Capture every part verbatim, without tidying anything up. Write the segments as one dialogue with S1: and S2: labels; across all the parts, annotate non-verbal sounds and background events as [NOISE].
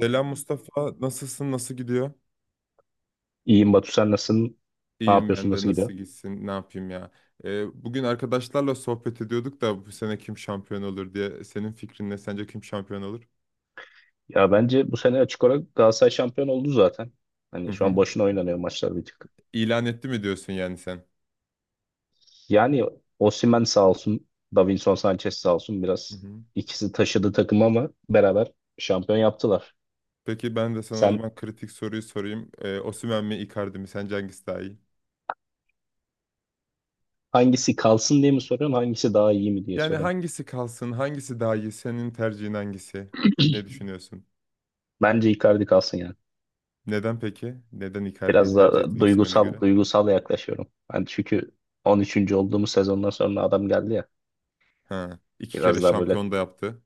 S1: Selam Mustafa, nasılsın, nasıl gidiyor?
S2: İyiyim Batu, sen nasılsın? Ne
S1: İyiyim
S2: yapıyorsun?
S1: ben de,
S2: Nasıl
S1: nasıl
S2: gidiyor?
S1: gitsin, ne yapayım ya? Ee, bugün arkadaşlarla sohbet ediyorduk da bu sene kim şampiyon olur diye. Senin fikrin ne? Sence kim şampiyon olur?
S2: Ya bence bu sene açık olarak Galatasaray şampiyon oldu zaten.
S1: Hı
S2: Hani şu an
S1: hı.
S2: boşuna oynanıyor maçlar bir tık.
S1: İlan etti mi diyorsun yani sen?
S2: Yani Osimhen sağ olsun, Davinson Sanchez sağ olsun,
S1: Hı
S2: biraz
S1: hı.
S2: ikisi taşıdı takımı ama beraber şampiyon yaptılar.
S1: Peki ben de sana o
S2: Sen
S1: zaman kritik soruyu sorayım. Ee, Osimhen mi, Icardi mi? Sence hangisi daha iyi?
S2: hangisi kalsın diye mi soruyorsun, hangisi daha iyi mi diye
S1: Yani
S2: soruyorsun?
S1: hangisi kalsın, hangisi daha iyi? Senin tercihin hangisi? Ne düşünüyorsun?
S2: Bence Icardi kalsın yani.
S1: Neden peki? Neden Icardi'yi
S2: Biraz
S1: tercih ettin
S2: da
S1: Osimhen'e göre?
S2: duygusal duygusal yaklaşıyorum. Ben çünkü on üçüncü olduğumuz sezondan sonra adam geldi ya.
S1: Ha, iki kere
S2: Biraz daha böyle
S1: şampiyon da yaptı.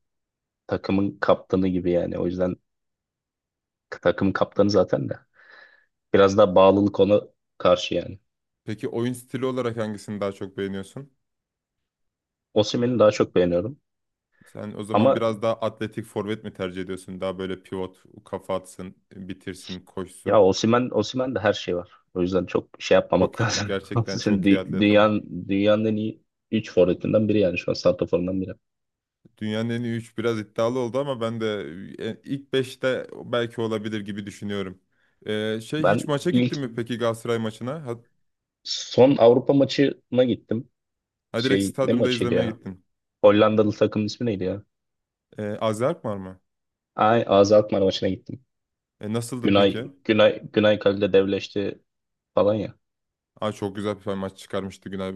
S2: takımın kaptanı gibi yani. O yüzden takım kaptanı zaten de. Biraz daha bağlılık ona karşı yani.
S1: Peki oyun stili olarak hangisini daha çok beğeniyorsun?
S2: Osimhen'i daha çok beğeniyorum.
S1: Sen o
S2: Ama
S1: zaman biraz daha atletik forvet mi tercih ediyorsun? Daha böyle pivot, kafa atsın, bitirsin,
S2: ya
S1: koşsun.
S2: Osimhen, Osimhen de her şey var. O yüzden çok şey
S1: Çok
S2: yapmamak [LAUGHS]
S1: iyi,
S2: lazım.
S1: gerçekten
S2: Osimhen
S1: çok iyi
S2: dü-
S1: atlet ama.
S2: Dünyanın, dünyanın en iyi üç forvetinden biri yani şu an, santraforundan biri.
S1: Dünyanın en iyi üç biraz iddialı oldu ama ben de e, ilk beşte belki olabilir gibi düşünüyorum. Ee, şey
S2: Ben
S1: hiç maça gittin
S2: ilk
S1: mi peki Galatasaray maçına? Ha,
S2: son Avrupa maçına gittim.
S1: ha direkt
S2: Şey ne
S1: stadyumda
S2: maçıydı
S1: izlemeye
S2: ya?
S1: gittin.
S2: Hollandalı takımın ismi neydi ya?
S1: Ee, Azerk var mı?
S2: Ay, Azad Alkmaar maçına gittim.
S1: E, nasıldı
S2: Günay
S1: peki?
S2: Günay Günay kalede devleşti falan ya.
S1: Aa, çok güzel bir maç çıkarmıştı Günay.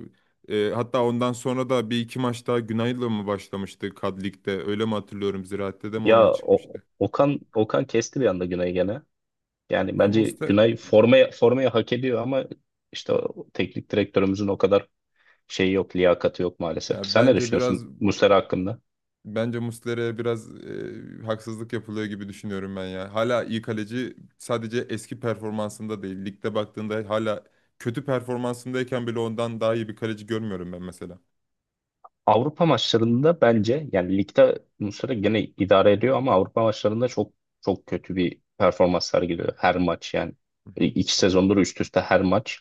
S1: Ee, hatta ondan sonra da bir iki maç daha Günay'la mı başlamıştı Kad Lig'de? Öyle mi hatırlıyorum? Ziraat'te de mi
S2: Ya
S1: onunla
S2: o,
S1: çıkmıştı?
S2: Okan Okan kesti bir anda Günay'ı gene. Yani
S1: E,
S2: bence
S1: Muslera,
S2: Günay formaya, formaya hak ediyor ama işte o teknik direktörümüzün o kadar şeyi yok, liyakati yok maalesef.
S1: ya
S2: Sen ne
S1: bence biraz
S2: düşünüyorsun Muslera hakkında?
S1: bence Muslera'ya biraz e, haksızlık yapılıyor gibi düşünüyorum ben ya. Hala iyi kaleci sadece eski performansında değil. Ligde baktığında hala kötü performansındayken bile ondan daha iyi bir kaleci görmüyorum ben mesela.
S2: Avrupa maçlarında bence yani ligde Muslera gene idare ediyor ama Avrupa maçlarında çok çok kötü bir performans sergiliyor her maç yani.
S1: Hı
S2: E,
S1: hı.
S2: iki sezondur üst üste her maç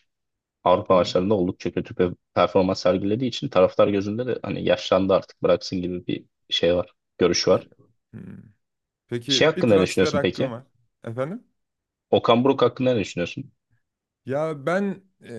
S2: Avrupa
S1: Hı hı.
S2: maçlarında oldukça kötü bir performans sergilediği için taraftar gözünde de hani yaşlandı artık bıraksın gibi bir şey var, görüş
S1: E,
S2: var.
S1: hı.
S2: Şey
S1: Peki bir
S2: hakkında ne
S1: transfer
S2: düşünüyorsun
S1: hakkım
S2: peki?
S1: var. Efendim?
S2: Okan Buruk hakkında ne düşünüyorsun?
S1: Ya ben e,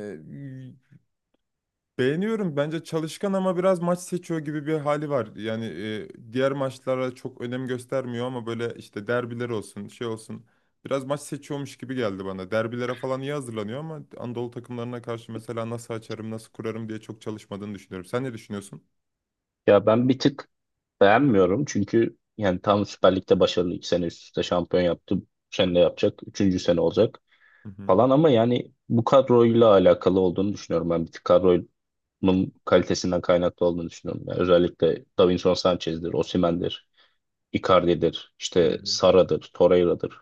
S1: beğeniyorum. Bence çalışkan ama biraz maç seçiyor gibi bir hali var. Yani e, diğer maçlara çok önem göstermiyor ama böyle işte derbiler olsun, şey olsun. Biraz maç seçiyormuş gibi geldi bana. Derbilere falan iyi hazırlanıyor ama Anadolu takımlarına karşı mesela nasıl açarım, nasıl kurarım diye çok çalışmadığını düşünüyorum. Sen ne düşünüyorsun?
S2: Ya ben bir tık beğenmiyorum çünkü yani tam Süper Lig'de başarılı, iki sene üst üste şampiyon yaptı. Bu sene de yapacak. Üçüncü sene olacak
S1: Hı hı.
S2: falan ama yani bu kadroyla alakalı olduğunu düşünüyorum. Ben bir tık kadronun kalitesinden kaynaklı olduğunu düşünüyorum. Yani özellikle Davinson Sanchez'dir, Osimhen'dir, Icardi'dir,
S1: Hı
S2: işte
S1: hı.
S2: Sara'dır, Torreira'dır.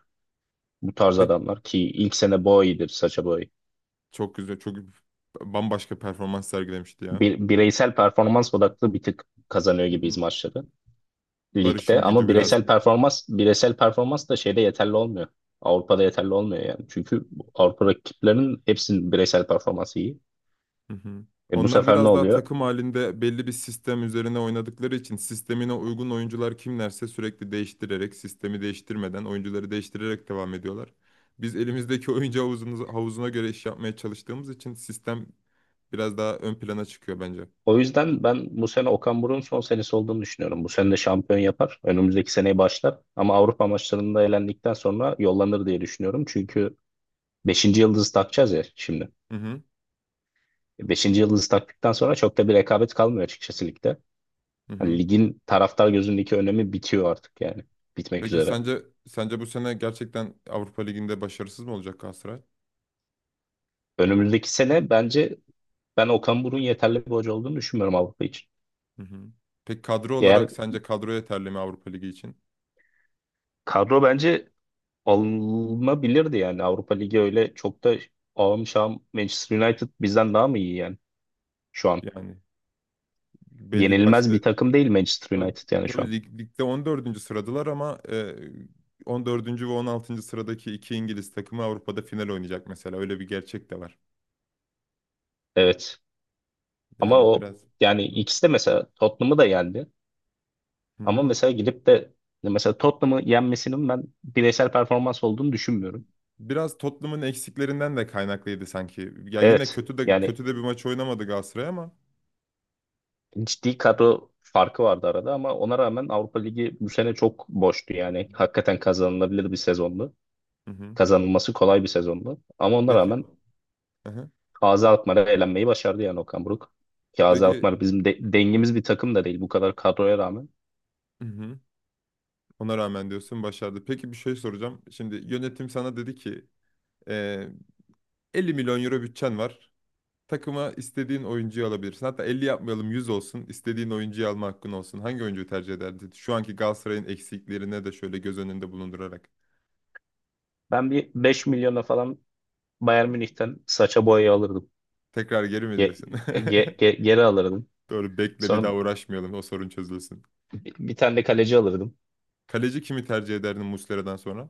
S2: Bu tarz
S1: Ve
S2: adamlar ki ilk sene Boey'dir, Sacha Boey.
S1: çok güzel, çok bambaşka performans sergilemişti ya.
S2: Bir, bireysel performans odaklı bir tık kazanıyor
S1: Hı
S2: gibiyiz
S1: hı.
S2: maçları ligde,
S1: Barış'ın
S2: ama
S1: gücü biraz.
S2: bireysel performans bireysel performans da şeyde yeterli olmuyor. Avrupa'da yeterli olmuyor yani. Çünkü Avrupa rakiplerinin hepsinin bireysel performansı iyi.
S1: Hı hı.
S2: E, bu
S1: Onlar
S2: sefer ne
S1: biraz daha
S2: oluyor?
S1: takım halinde belli bir sistem üzerine oynadıkları için sistemine uygun oyuncular kimlerse sürekli değiştirerek, sistemi değiştirmeden, oyuncuları değiştirerek devam ediyorlar. Biz elimizdeki oyuncu havuzunu- havuzuna göre iş yapmaya çalıştığımız için sistem biraz daha ön plana çıkıyor bence.
S2: O yüzden ben bu sene Okan Buruk'un son senesi olduğunu düşünüyorum. Bu sene de şampiyon yapar. Önümüzdeki seneye başlar. Ama Avrupa maçlarında elendikten sonra yollanır diye düşünüyorum. Çünkü beşinci yıldızı takacağız ya şimdi.
S1: Hı hı.
S2: Beşinci yıldızı taktıktan sonra çok da bir rekabet kalmıyor açıkçası ligde.
S1: Hı
S2: Hani
S1: hı.
S2: ligin taraftar gözündeki önemi bitiyor artık yani. Bitmek
S1: Peki
S2: üzere.
S1: sence sence bu sene gerçekten Avrupa Ligi'nde başarısız mı olacak Galatasaray?
S2: Önümüzdeki sene bence ben Okan Buruk'un yeterli bir hoca olduğunu düşünmüyorum Avrupa için.
S1: Hı hı. Peki kadro
S2: Eğer
S1: olarak sence kadro yeterli mi Avrupa Ligi için?
S2: kadro, bence alınabilirdi yani. Avrupa Ligi öyle çok da ağım şahım Manchester United bizden daha mı iyi yani şu an?
S1: Yani belli
S2: Yenilmez bir
S1: başlı.
S2: takım değil Manchester
S1: Yo,
S2: United yani şu
S1: tabii
S2: an.
S1: lig, ligde on dördüncü sıradılar ama e, on dördüncü ve on altıncı sıradaki iki İngiliz takımı Avrupa'da final oynayacak mesela. Öyle bir gerçek de var.
S2: Evet ama
S1: Yani
S2: o,
S1: biraz.
S2: yani
S1: Hı.
S2: ikisi de mesela Tottenham'ı da yendi,
S1: Hı,
S2: ama mesela gidip de mesela Tottenham'ı yenmesinin ben bireysel performans olduğunu düşünmüyorum.
S1: biraz Tottenham'ın eksiklerinden de kaynaklıydı sanki. Ya yine
S2: Evet
S1: kötü de
S2: yani
S1: kötü de bir maç oynamadı Galatasaray ama.
S2: ciddi kadro farkı vardı arada ama ona rağmen Avrupa Ligi bu sene çok boştu yani. Hakikaten kazanılabilir bir sezondu.
S1: Hı hı.
S2: Kazanılması kolay bir sezondu. Ama ona
S1: Peki.
S2: rağmen
S1: Hı hı.
S2: A Z Alkmaar'a elenmeyi başardı yani Okan Buruk. Ki A Z
S1: Peki.
S2: Alkmaar bizim de dengimiz bir takım da değil, bu kadar kadroya rağmen.
S1: Hı hı. Ona rağmen diyorsun başardı. Peki bir şey soracağım. Şimdi yönetim sana dedi ki e, elli milyon euro bütçen var. Takıma istediğin oyuncuyu alabilirsin. Hatta elli yapmayalım yüz olsun. İstediğin oyuncuyu alma hakkın olsun. Hangi oyuncuyu tercih ederdin? Şu anki Galatasaray'ın eksiklerine de şöyle göz önünde bulundurarak.
S2: Ben bir beş milyona falan Bayern Münih'ten saça boyayı alırdım.
S1: Tekrar geri mi
S2: Ge-
S1: diyorsun?
S2: ge- ge- geri alırdım.
S1: [LAUGHS] Doğru bekle bir
S2: Sonra
S1: daha uğraşmayalım o sorun çözülsün.
S2: bir bir tane de kaleci alırdım.
S1: Kaleci kimi tercih ederdin Muslera'dan sonra?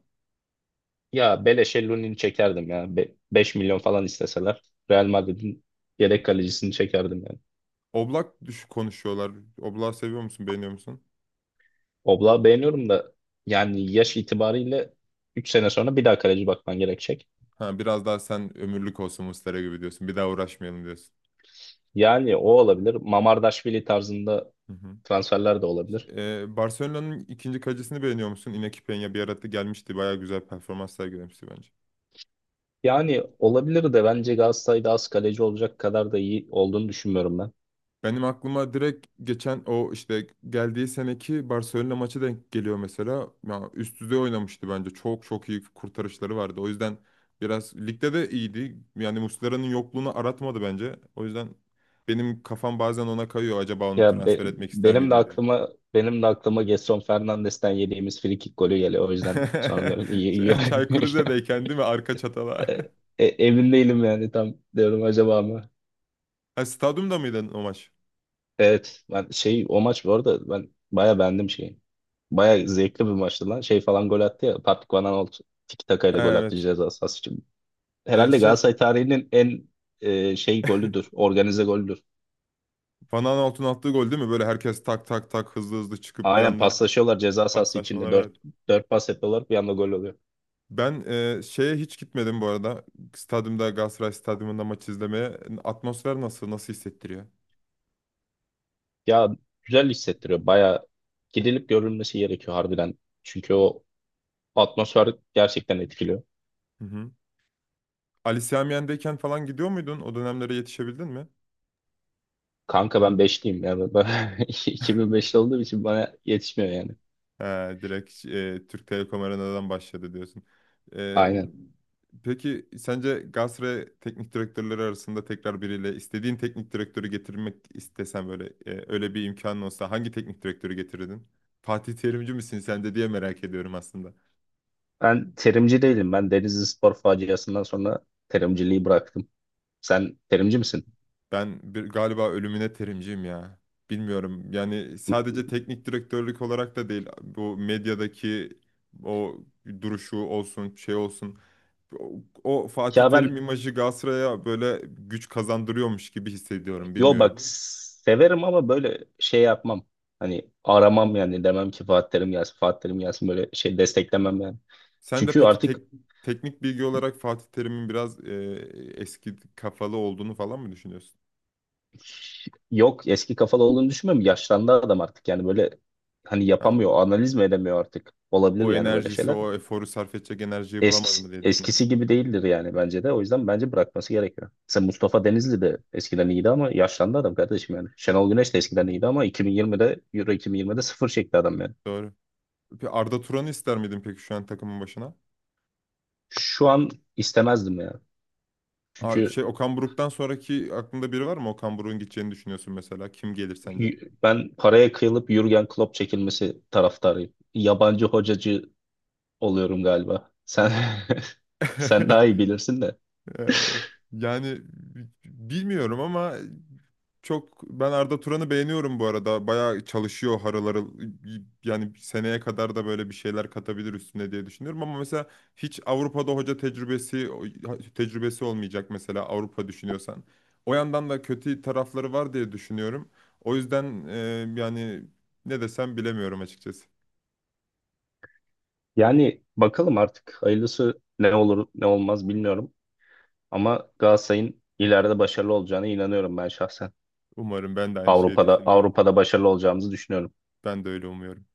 S2: Ya beleşe Lunin'i çekerdim ya. Be beş milyon falan isteseler, Real Madrid'in yedek kalecisini çekerdim yani.
S1: Oblak düş konuşuyorlar. Oblak seviyor musun beğeniyor musun?
S2: Oblak'ı beğeniyorum da yani yaş itibariyle üç sene sonra bir daha kaleci bakman gerekecek.
S1: Ha, biraz daha sen ömürlük olsun Muslera gibi diyorsun. Bir daha uğraşmayalım diyorsun.
S2: Yani o olabilir. Mamardaşvili tarzında
S1: Hı hı.
S2: transferler de olabilir.
S1: Ee, Barcelona'nın ikinci kalecisini beğeniyor musun? Iñaki Peña bir arada gelmişti. Bayağı güzel performans sergilemişti bence.
S2: Yani olabilir de bence Galatasaray'da az kaleci olacak kadar da iyi olduğunu düşünmüyorum ben.
S1: Benim aklıma direkt geçen o işte geldiği seneki Barcelona maçı denk geliyor mesela. Ya üst düzey oynamıştı bence. Çok çok iyi kurtarışları vardı. O yüzden biraz ligde de iyiydi. Yani Muslera'nın yokluğunu aratmadı bence. O yüzden benim kafam bazen ona kayıyor. Acaba onu
S2: Ya be-
S1: transfer etmek ister
S2: benim de
S1: miydim diye.
S2: aklıma benim de aklıma Gedson Fernandes'ten yediğimiz frikik golü geliyor. O
S1: [LAUGHS]
S2: yüzden sonra diyorum iyi iyi.
S1: Ç- Çaykur
S2: [LAUGHS]
S1: Rize'deyken değil mi? Arka çatala.
S2: E,
S1: [LAUGHS]
S2: e, emin değilim yani, tam diyorum, acaba mı?
S1: Ha, stadyumda mıydı o maç?
S2: Evet ben şey o maç bu arada ben baya beğendim şeyi. Baya zevkli bir maçtı lan. Şey falan gol attı ya, Patrick Van Aanholt tiki takayla
S1: Ha,
S2: gol attı
S1: evet.
S2: ceza sahası için.
S1: Ee,
S2: Herhalde Galatasaray
S1: şey...
S2: tarihinin en e, şey golüdür.
S1: [LAUGHS]
S2: Organize golüdür.
S1: Van Aanholt'un attığı gol değil mi? Böyle herkes tak tak tak hızlı hızlı çıkıp bir
S2: Aynen
S1: anda.
S2: paslaşıyorlar ceza sahası içinde.
S1: Paslaşmalar
S2: Dört,
S1: evet.
S2: dört pas yapıyorlar, bir anda gol oluyor.
S1: Ben e, şeye hiç gitmedim bu arada. Stadyumda Galatasaray Stadyumunda maç izlemeye. Atmosfer nasıl? Nasıl hissettiriyor?
S2: Ya güzel hissettiriyor. Baya gidilip görülmesi gerekiyor harbiden. Çünkü o atmosfer gerçekten etkiliyor.
S1: Hı hı. Ali Sami Yen'deyken falan gidiyor muydun? O dönemlere yetişebildin mi?
S2: Kanka ben beşliyim ya. Ben [LAUGHS] iki bin beşli olduğum için bana yetişmiyor yani.
S1: He, direkt e, Türk Telekom Arena'dan başladı diyorsun. E,
S2: Aynen.
S1: peki sence Galatasaray teknik direktörleri arasında tekrar biriyle istediğin teknik direktörü getirmek istesen böyle e, öyle bir imkanın olsa hangi teknik direktörü getirirdin? Fatih Terimci misin sen de diye merak ediyorum aslında.
S2: Ben terimci değilim. Ben Denizli Spor faciasından sonra terimciliği bıraktım. Sen terimci misin?
S1: Ben bir, galiba ölümüne terimciyim ya. Bilmiyorum. Yani sadece teknik direktörlük olarak da değil. Bu medyadaki o duruşu olsun, şey olsun. O, o Fatih
S2: Ya
S1: Terim
S2: ben,
S1: imajı Galatasaray'a böyle güç kazandırıyormuş gibi hissediyorum.
S2: yo bak,
S1: Bilmiyorum.
S2: severim ama böyle şey yapmam. Hani aramam yani, demem ki Fatih Terim gelsin, Fatih Terim gelsin, böyle şey desteklemem yani.
S1: Sen de
S2: Çünkü
S1: peki
S2: artık
S1: tek, teknik bilgi olarak Fatih Terim'in biraz e, eski kafalı olduğunu falan mı düşünüyorsun?
S2: yok, eski kafalı olduğunu düşünmüyorum. Yaşlandı adam artık yani, böyle hani
S1: Ha,
S2: yapamıyor, analiz mi edemiyor artık. Olabilir
S1: o
S2: yani böyle
S1: enerjisi,
S2: şeyler.
S1: o eforu sarf edecek enerjiyi bulamadı
S2: Eskisi,
S1: mı diye düşünüyorsun.
S2: eskisi gibi değildir yani bence de. O yüzden bence bırakması gerekiyor. Mesela Mustafa Denizli de eskiden iyiydi ama yaşlandı adam kardeşim yani. Şenol Güneş de eskiden iyiydi ama iki bin yirmide, Euro iki bin yirmide sıfır çekti adam yani.
S1: Doğru. Bir Arda Turan'ı ister miydin peki şu an takımın başına?
S2: Şu an istemezdim ya.
S1: Aa,
S2: Çünkü
S1: şey Okan Buruk'tan sonraki aklında biri var mı? Okan Buruk'un gideceğini düşünüyorsun mesela. Kim gelir sence?
S2: y- ben paraya kıyılıp Jürgen Klopp çekilmesi taraftarıyım. Yabancı hocacı oluyorum galiba. Sen [LAUGHS] sen daha iyi
S1: [LAUGHS]
S2: bilirsin de.
S1: Ee, Yani bi- bilmiyorum ama çok ben Arda Turan'ı beğeniyorum bu arada. Bayağı çalışıyor harıl harıl. Yani seneye kadar da böyle bir şeyler katabilir üstüne diye düşünüyorum ama mesela hiç Avrupa'da hoca tecrübesi tecrübesi olmayacak mesela Avrupa düşünüyorsan. O yandan da kötü tarafları var diye düşünüyorum. O yüzden e, yani ne desem bilemiyorum açıkçası.
S2: Yani bakalım artık, hayırlısı ne olur ne olmaz bilmiyorum. Ama Galatasaray'ın ileride başarılı olacağına inanıyorum ben şahsen.
S1: Umarım ben de aynı şeyi
S2: Avrupa'da
S1: düşünüyorum.
S2: Avrupa'da başarılı olacağımızı düşünüyorum.
S1: Ben de öyle umuyorum.